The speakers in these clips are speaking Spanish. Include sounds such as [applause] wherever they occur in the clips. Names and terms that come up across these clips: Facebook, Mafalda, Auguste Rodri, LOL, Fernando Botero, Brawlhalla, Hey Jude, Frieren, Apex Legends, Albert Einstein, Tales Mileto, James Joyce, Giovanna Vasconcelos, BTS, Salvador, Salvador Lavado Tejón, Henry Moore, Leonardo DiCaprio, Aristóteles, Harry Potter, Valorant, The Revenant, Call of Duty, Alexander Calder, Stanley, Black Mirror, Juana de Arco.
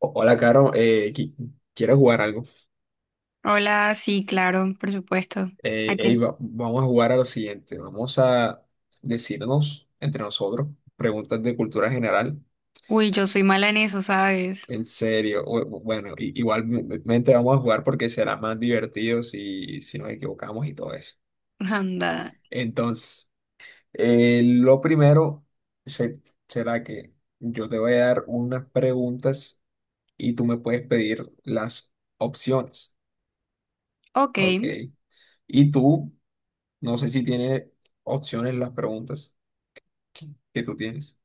O- Hola, Caro. ¿Quieres jugar algo? Hola, sí, claro, por supuesto. Aquí. Vamos a jugar a lo siguiente. Vamos a decirnos entre nosotros preguntas de cultura general. Uy, yo soy mala en eso, ¿sabes? En serio. Bueno, igualmente vamos a jugar porque será más divertido si nos equivocamos y todo eso. [laughs] Anda. Entonces, lo primero se- será que yo te voy a dar unas preguntas y tú me puedes pedir las opciones. Ok. ¿Ok? Y tú no sé si tiene opciones las preguntas que tú tienes.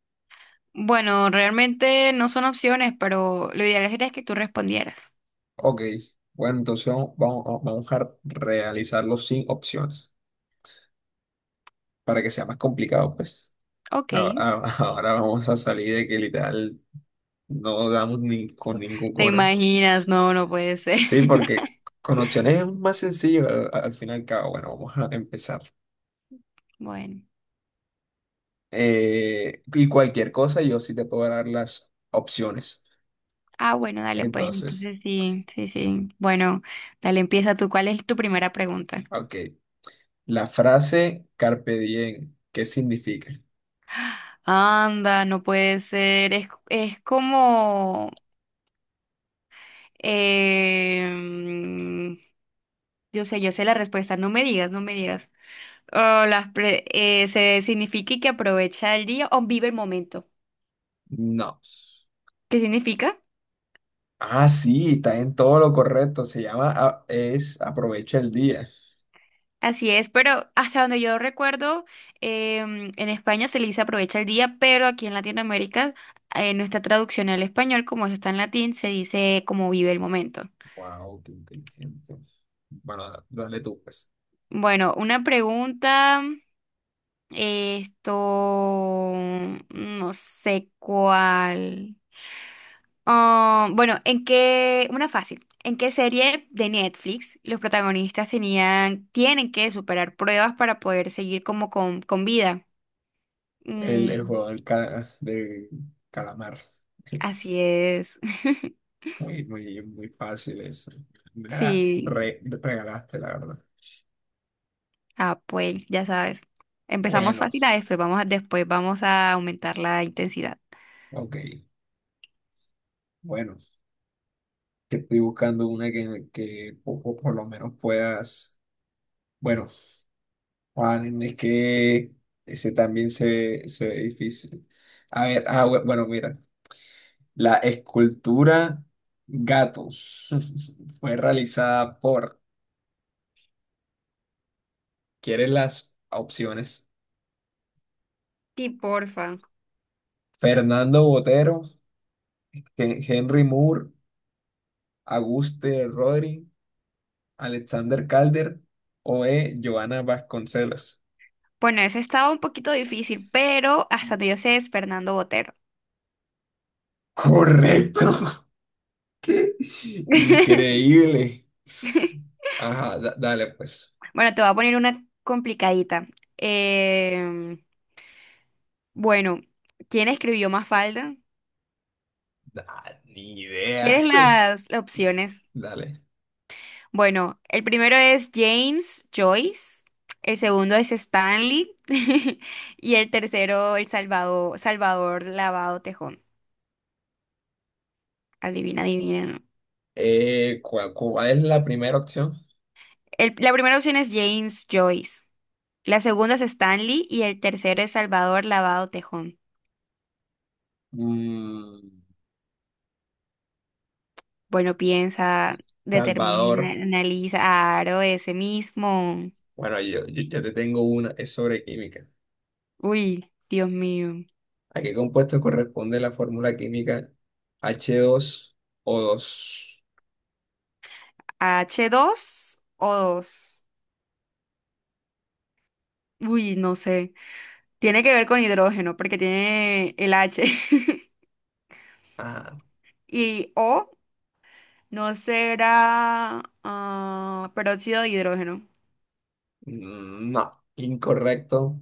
Bueno, realmente no son opciones, pero lo ideal sería que tú respondieras. Ok, bueno, entonces vamos a realizarlo sin opciones para que sea más complicado, pues. Ok. [laughs] Ahora vamos a salir de que literal no damos ni con ningún ¿Te cona. imaginas? No, no puede ser. Sí, porque [laughs] con opciones es más sencillo al fin y al cabo. Bueno, vamos a empezar. Bueno. Y cualquier cosa yo sí te puedo dar las opciones. Ah, bueno, dale, pues Entonces, entonces sí, sí, sí. Bueno, dale, empieza tú. ¿Cuál es tu primera pregunta? ok, la frase carpe diem, ¿qué significa? Anda, no puede ser. Es como... em, yo sé la respuesta. No me digas, no me digas. Oh, se significa que aprovecha el día o vive el momento. No. ¿Qué significa? Ah, sí, está en todo lo correcto. Es aprovecha el día. Así es, pero hasta donde yo recuerdo, en España se le dice aprovecha el día, pero aquí en Latinoamérica, nuestra traducción al español, como eso está en latín, se dice como vive el momento. Wow, qué inteligente. Bueno, dale tú, pues. Bueno, una pregunta, esto, no sé cuál. Ah, bueno, una fácil, ¿en qué serie de Netflix los protagonistas tenían, tienen que superar pruebas para poder seguir como con vida? El Mm, juego del calamar. así [laughs] es. [laughs] Muy fácil eso. Me la Sí, regalaste, la verdad. Pues, ya sabes. Empezamos Bueno, fácil, después vamos a aumentar la intensidad. ok. Bueno, que estoy buscando una que lo menos puedas. Bueno, Juan, es que ese también se ve difícil. A ver, bueno, mira, la escultura gato [laughs] fue realizada por, ¿quieres las opciones? Sí, porfa. Fernando Botero, Henry Moore, Auguste Rodri, Alexander Calder o E. Giovanna Vasconcelos. Bueno, ese estaba un poquito difícil, pero hasta donde yo sé es Fernando Botero. Correcto. [laughs] ¡Qué [laughs] increíble! Ajá, dale pues. Bueno, te voy a poner una complicadita. Em, Bueno, ¿quién escribió Mafalda? Ni idea. ¿Quieres las opciones? Dale. Bueno, el primero es James Joyce, el segundo es Stanley [laughs] y el tercero el Salvador, Salvador Lavado Tejón. Adivina, adivina. ¿No? ¿Cuál es la primera opción? El- la primera opción es James Joyce, la segunda es Stanley y el tercero es Salvador Lavado Tejón. Mm, Bueno, piensa, determina, Salvador. analiza, aro ese mismo. Bueno, yo ya te tengo una, es sobre química. Uy, Dios mío. ¿A qué compuesto corresponde la fórmula química h dos o dos? H 2 o dos, uy, no sé. Tiene que ver con hidrógeno porque tiene el H. [laughs] Ah, Y O no será peróxido de hidrógeno. No, incorrecto.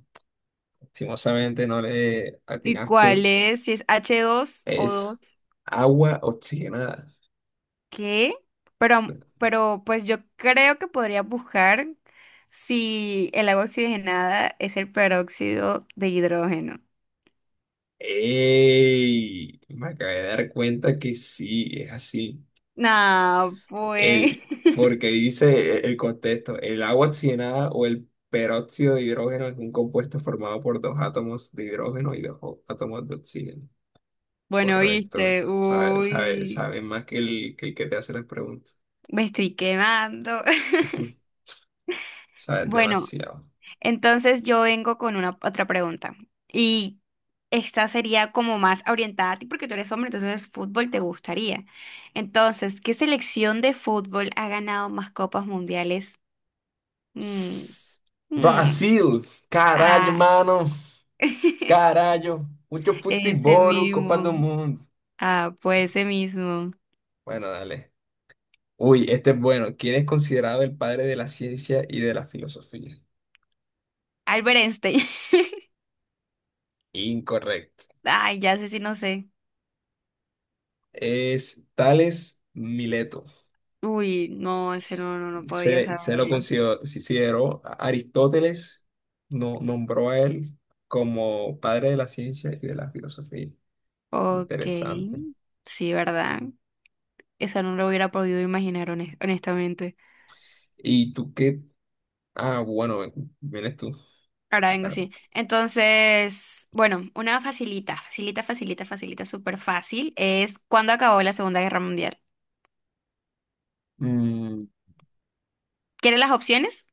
Lastimosamente no le ¿Y cuál atinaste. es? Si es h dos o 2, Es agua oxigenada. ¿qué? Pero pues yo creo que podría buscar si el agua oxigenada es el peróxido de hidrógeno. ¡Ey! Me acabé de dar cuenta que sí, es así. No, pues. El, [laughs] Porque dice el contexto, el agua oxigenada o el peróxido de hidrógeno es un compuesto formado por dos átomos de hidrógeno y dos átomos de oxígeno. Bueno, Correcto. viste. Sabe, sabe, Uy. sabe más que que el que te hace las preguntas. Me estoy quemando. [laughs] [laughs] Sabes Bueno, demasiado. entonces yo vengo con una otra pregunta. Y esta sería como más orientada a ti porque tú eres hombre, entonces fútbol te gustaría. Entonces, ¿qué selección de fútbol ha ganado más copas mundiales? Mm, mm, Brasil, caralho, ah, mano, [laughs] carallo, mucho ese futebol, Copa do mismo. Mundo. Ah, pues ese mismo. Bueno, dale. Uy, este es bueno. ¿Quién es considerado el padre de la ciencia y de la filosofía? Albert Einstein. [laughs] Incorrecto. Ay, ya sé si no sé. Es Tales Mileto. Uy, no, ese no, no, no podía Se lo saberlo. Aristóteles no, nombró a él como padre de la ciencia y de la filosofía. Ok, Interesante. sí, ¿verdad? Eso no lo hubiera podido imaginar, honestamente. ¿Y tú qué? Ah, bueno, vienes tú. Ahora vengo Ah, sí. Entonces, bueno, una facilita, facilita, facilita, facilita, súper fácil es ¿cuándo acabó la Segunda Guerra Mundial? mm, ¿Quieres las opciones?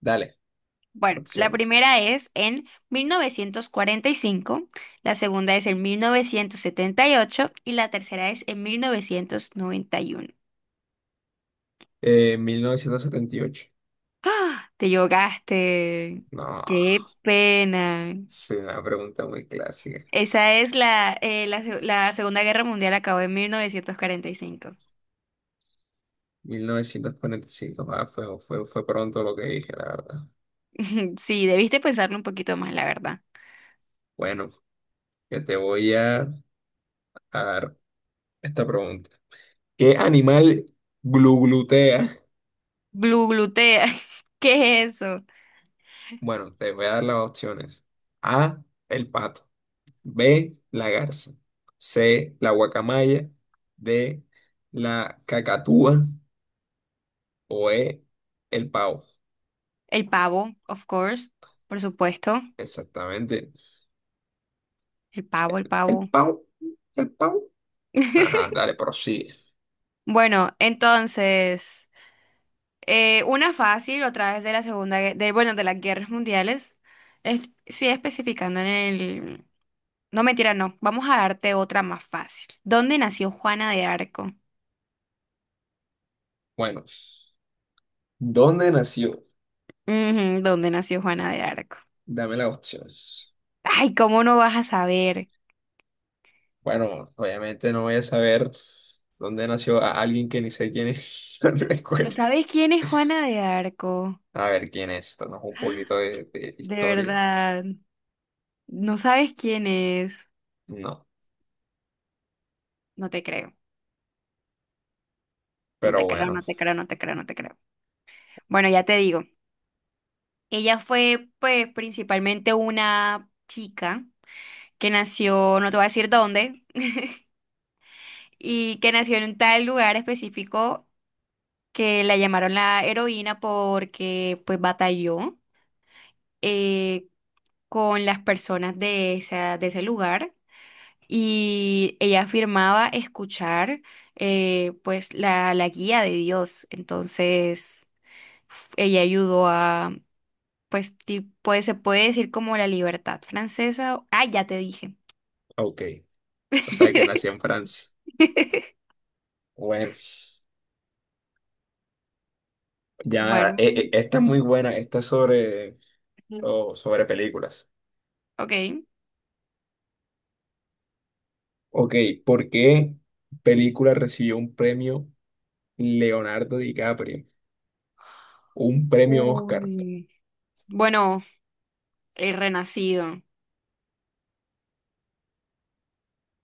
Dale, Bueno, la opciones. primera es en 1945, la segunda es en 1978 y la tercera es en 1991. 1978. ¡Ah! Te llogaste. No, ¡Qué pena! es una pregunta muy clásica. Esa es la Segunda Guerra Mundial acabó en 1945. 1945, fue pronto lo que dije, la verdad. [laughs] Sí, debiste pensarlo un poquito más, la verdad. Bueno, yo te voy a esta pregunta. ¿Qué animal gluglutea? Blue glutea. [laughs] ¿Qué es eso? Bueno, te voy a dar las opciones. A, el pato. B, la garza. C, la guacamaya. D, la cacatúa. O E, el pavo. El pavo, of course. Por supuesto. Exactamente. El pavo, el El pavo. pavo. El pavo. Ajá, [laughs] dale, prosigue. Bueno, entonces, una fácil otra vez de la segunda, bueno, de las guerras mundiales. Es, sigue especificando en el... No, mentira, no. Vamos a darte otra más fácil. ¿Dónde nació Juana de Arco? Bueno, ¿dónde nació? Ujú, ¿dónde nació Juana de Arco? Dame las opciones. Ay, ¿cómo no vas a saber? Bueno, obviamente no voy a saber dónde nació a alguien que ni sé quién es. [laughs] No ¿No recuerdo. sabes quién es Juana de Arco? A ver quién es. Danos un poquito de De historia. verdad, no sabes quién es. No, No te creo, no pero te creo, bueno, no te creo, no te creo, no te creo. Bueno, ya te digo, ella fue pues principalmente una chica que nació, no te voy a decir dónde, [laughs] y que nació en un tal lugar específico que la llamaron la heroína porque pues batalló. eh, con las personas de de ese lugar y ella afirmaba escuchar pues la guía de Dios. Entonces ella ayudó a pues, se puede decir como la libertad francesa. Ah, ya te dije. ok. O sea, que nació en Francia. [laughs] Bueno, ya, Bueno, esta es muy buena. Esta es sobre, o sobre películas. ok. Ok, ¿por qué película recibió un premio Leonardo DiCaprio? Un premio Oscar. Uy. Bueno, el renacido.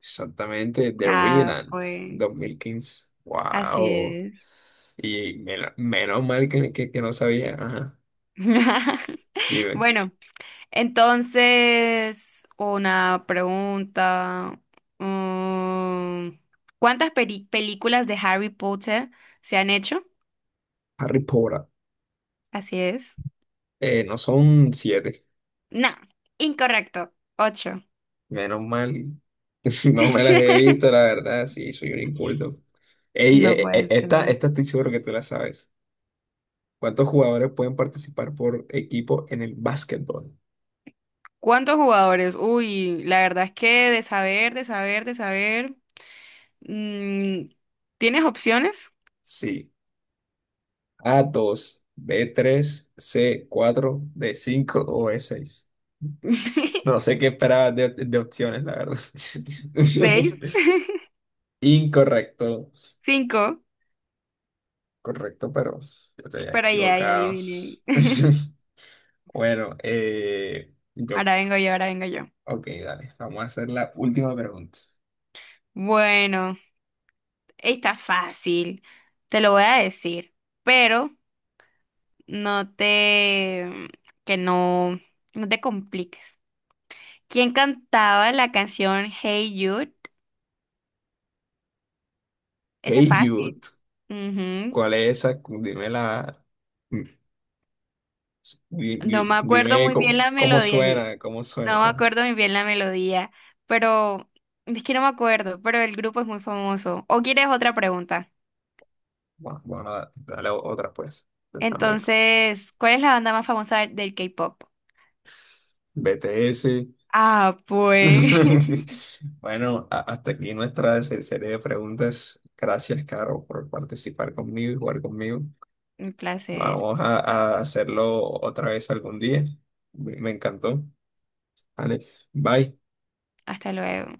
Exactamente, The Ah, Revenant, pues 2015. así Wow. es. Y menos mal que no sabía. Ajá. [laughs] Dime, Bueno. Entonces, una pregunta. mm, ¿Cuántas películas de Harry Potter se han hecho? Harry Potter. Así es. No son siete, No, incorrecto. Ocho. menos mal. [laughs] No me las he visto, la [laughs] verdad, sí, soy un inculto. Ey, No puede ser. esta estoy seguro que tú la sabes. ¿Cuántos jugadores pueden participar por equipo en el básquetbol? ¿Cuántos jugadores? Uy, la verdad es que de saber, de saber, de saber. mm, ¿Tienes opciones? Sí, a dos b tres c cuatro d cinco o e seis. No sé [laughs] qué esperabas de opciones, la verdad. ¿Seis? [laughs] Incorrecto, ¿Cinco? correcto, pero yo te habías Pero ya, ya equivocado. adiviné. [laughs] [laughs] Bueno, yo Ahora vengo yo, ahora vengo yo. ok, dale. Vamos a hacer la última pregunta. Bueno. Está fácil, te lo voy a decir, pero no te, mm, que no, no te compliques. ¿Quién cantaba la canción Hey Jude? Esa es Hey Jude, fácil. Ujú. ¿cuál es esa? Dime la. mm, No me acuerdo Dime muy bien cómo, la cómo melodía, yo suena, cómo suena. no me acuerdo muy bien la melodía, pero es que no me acuerdo, pero el grupo es muy famoso. ¿O quieres otra pregunta? Bueno, bueno, dale otra pues. Dame. Entonces, ¿cuál es la banda más famosa del K-pop? BTS. Ah, pues. [laughs] [laughs] Bueno, hasta aquí nuestra serie de preguntas. Gracias, Caro, por participar conmigo y jugar conmigo. Un placer. Vamos a hacerlo otra vez algún día. Me encantó. Vale, bye. Hasta luego.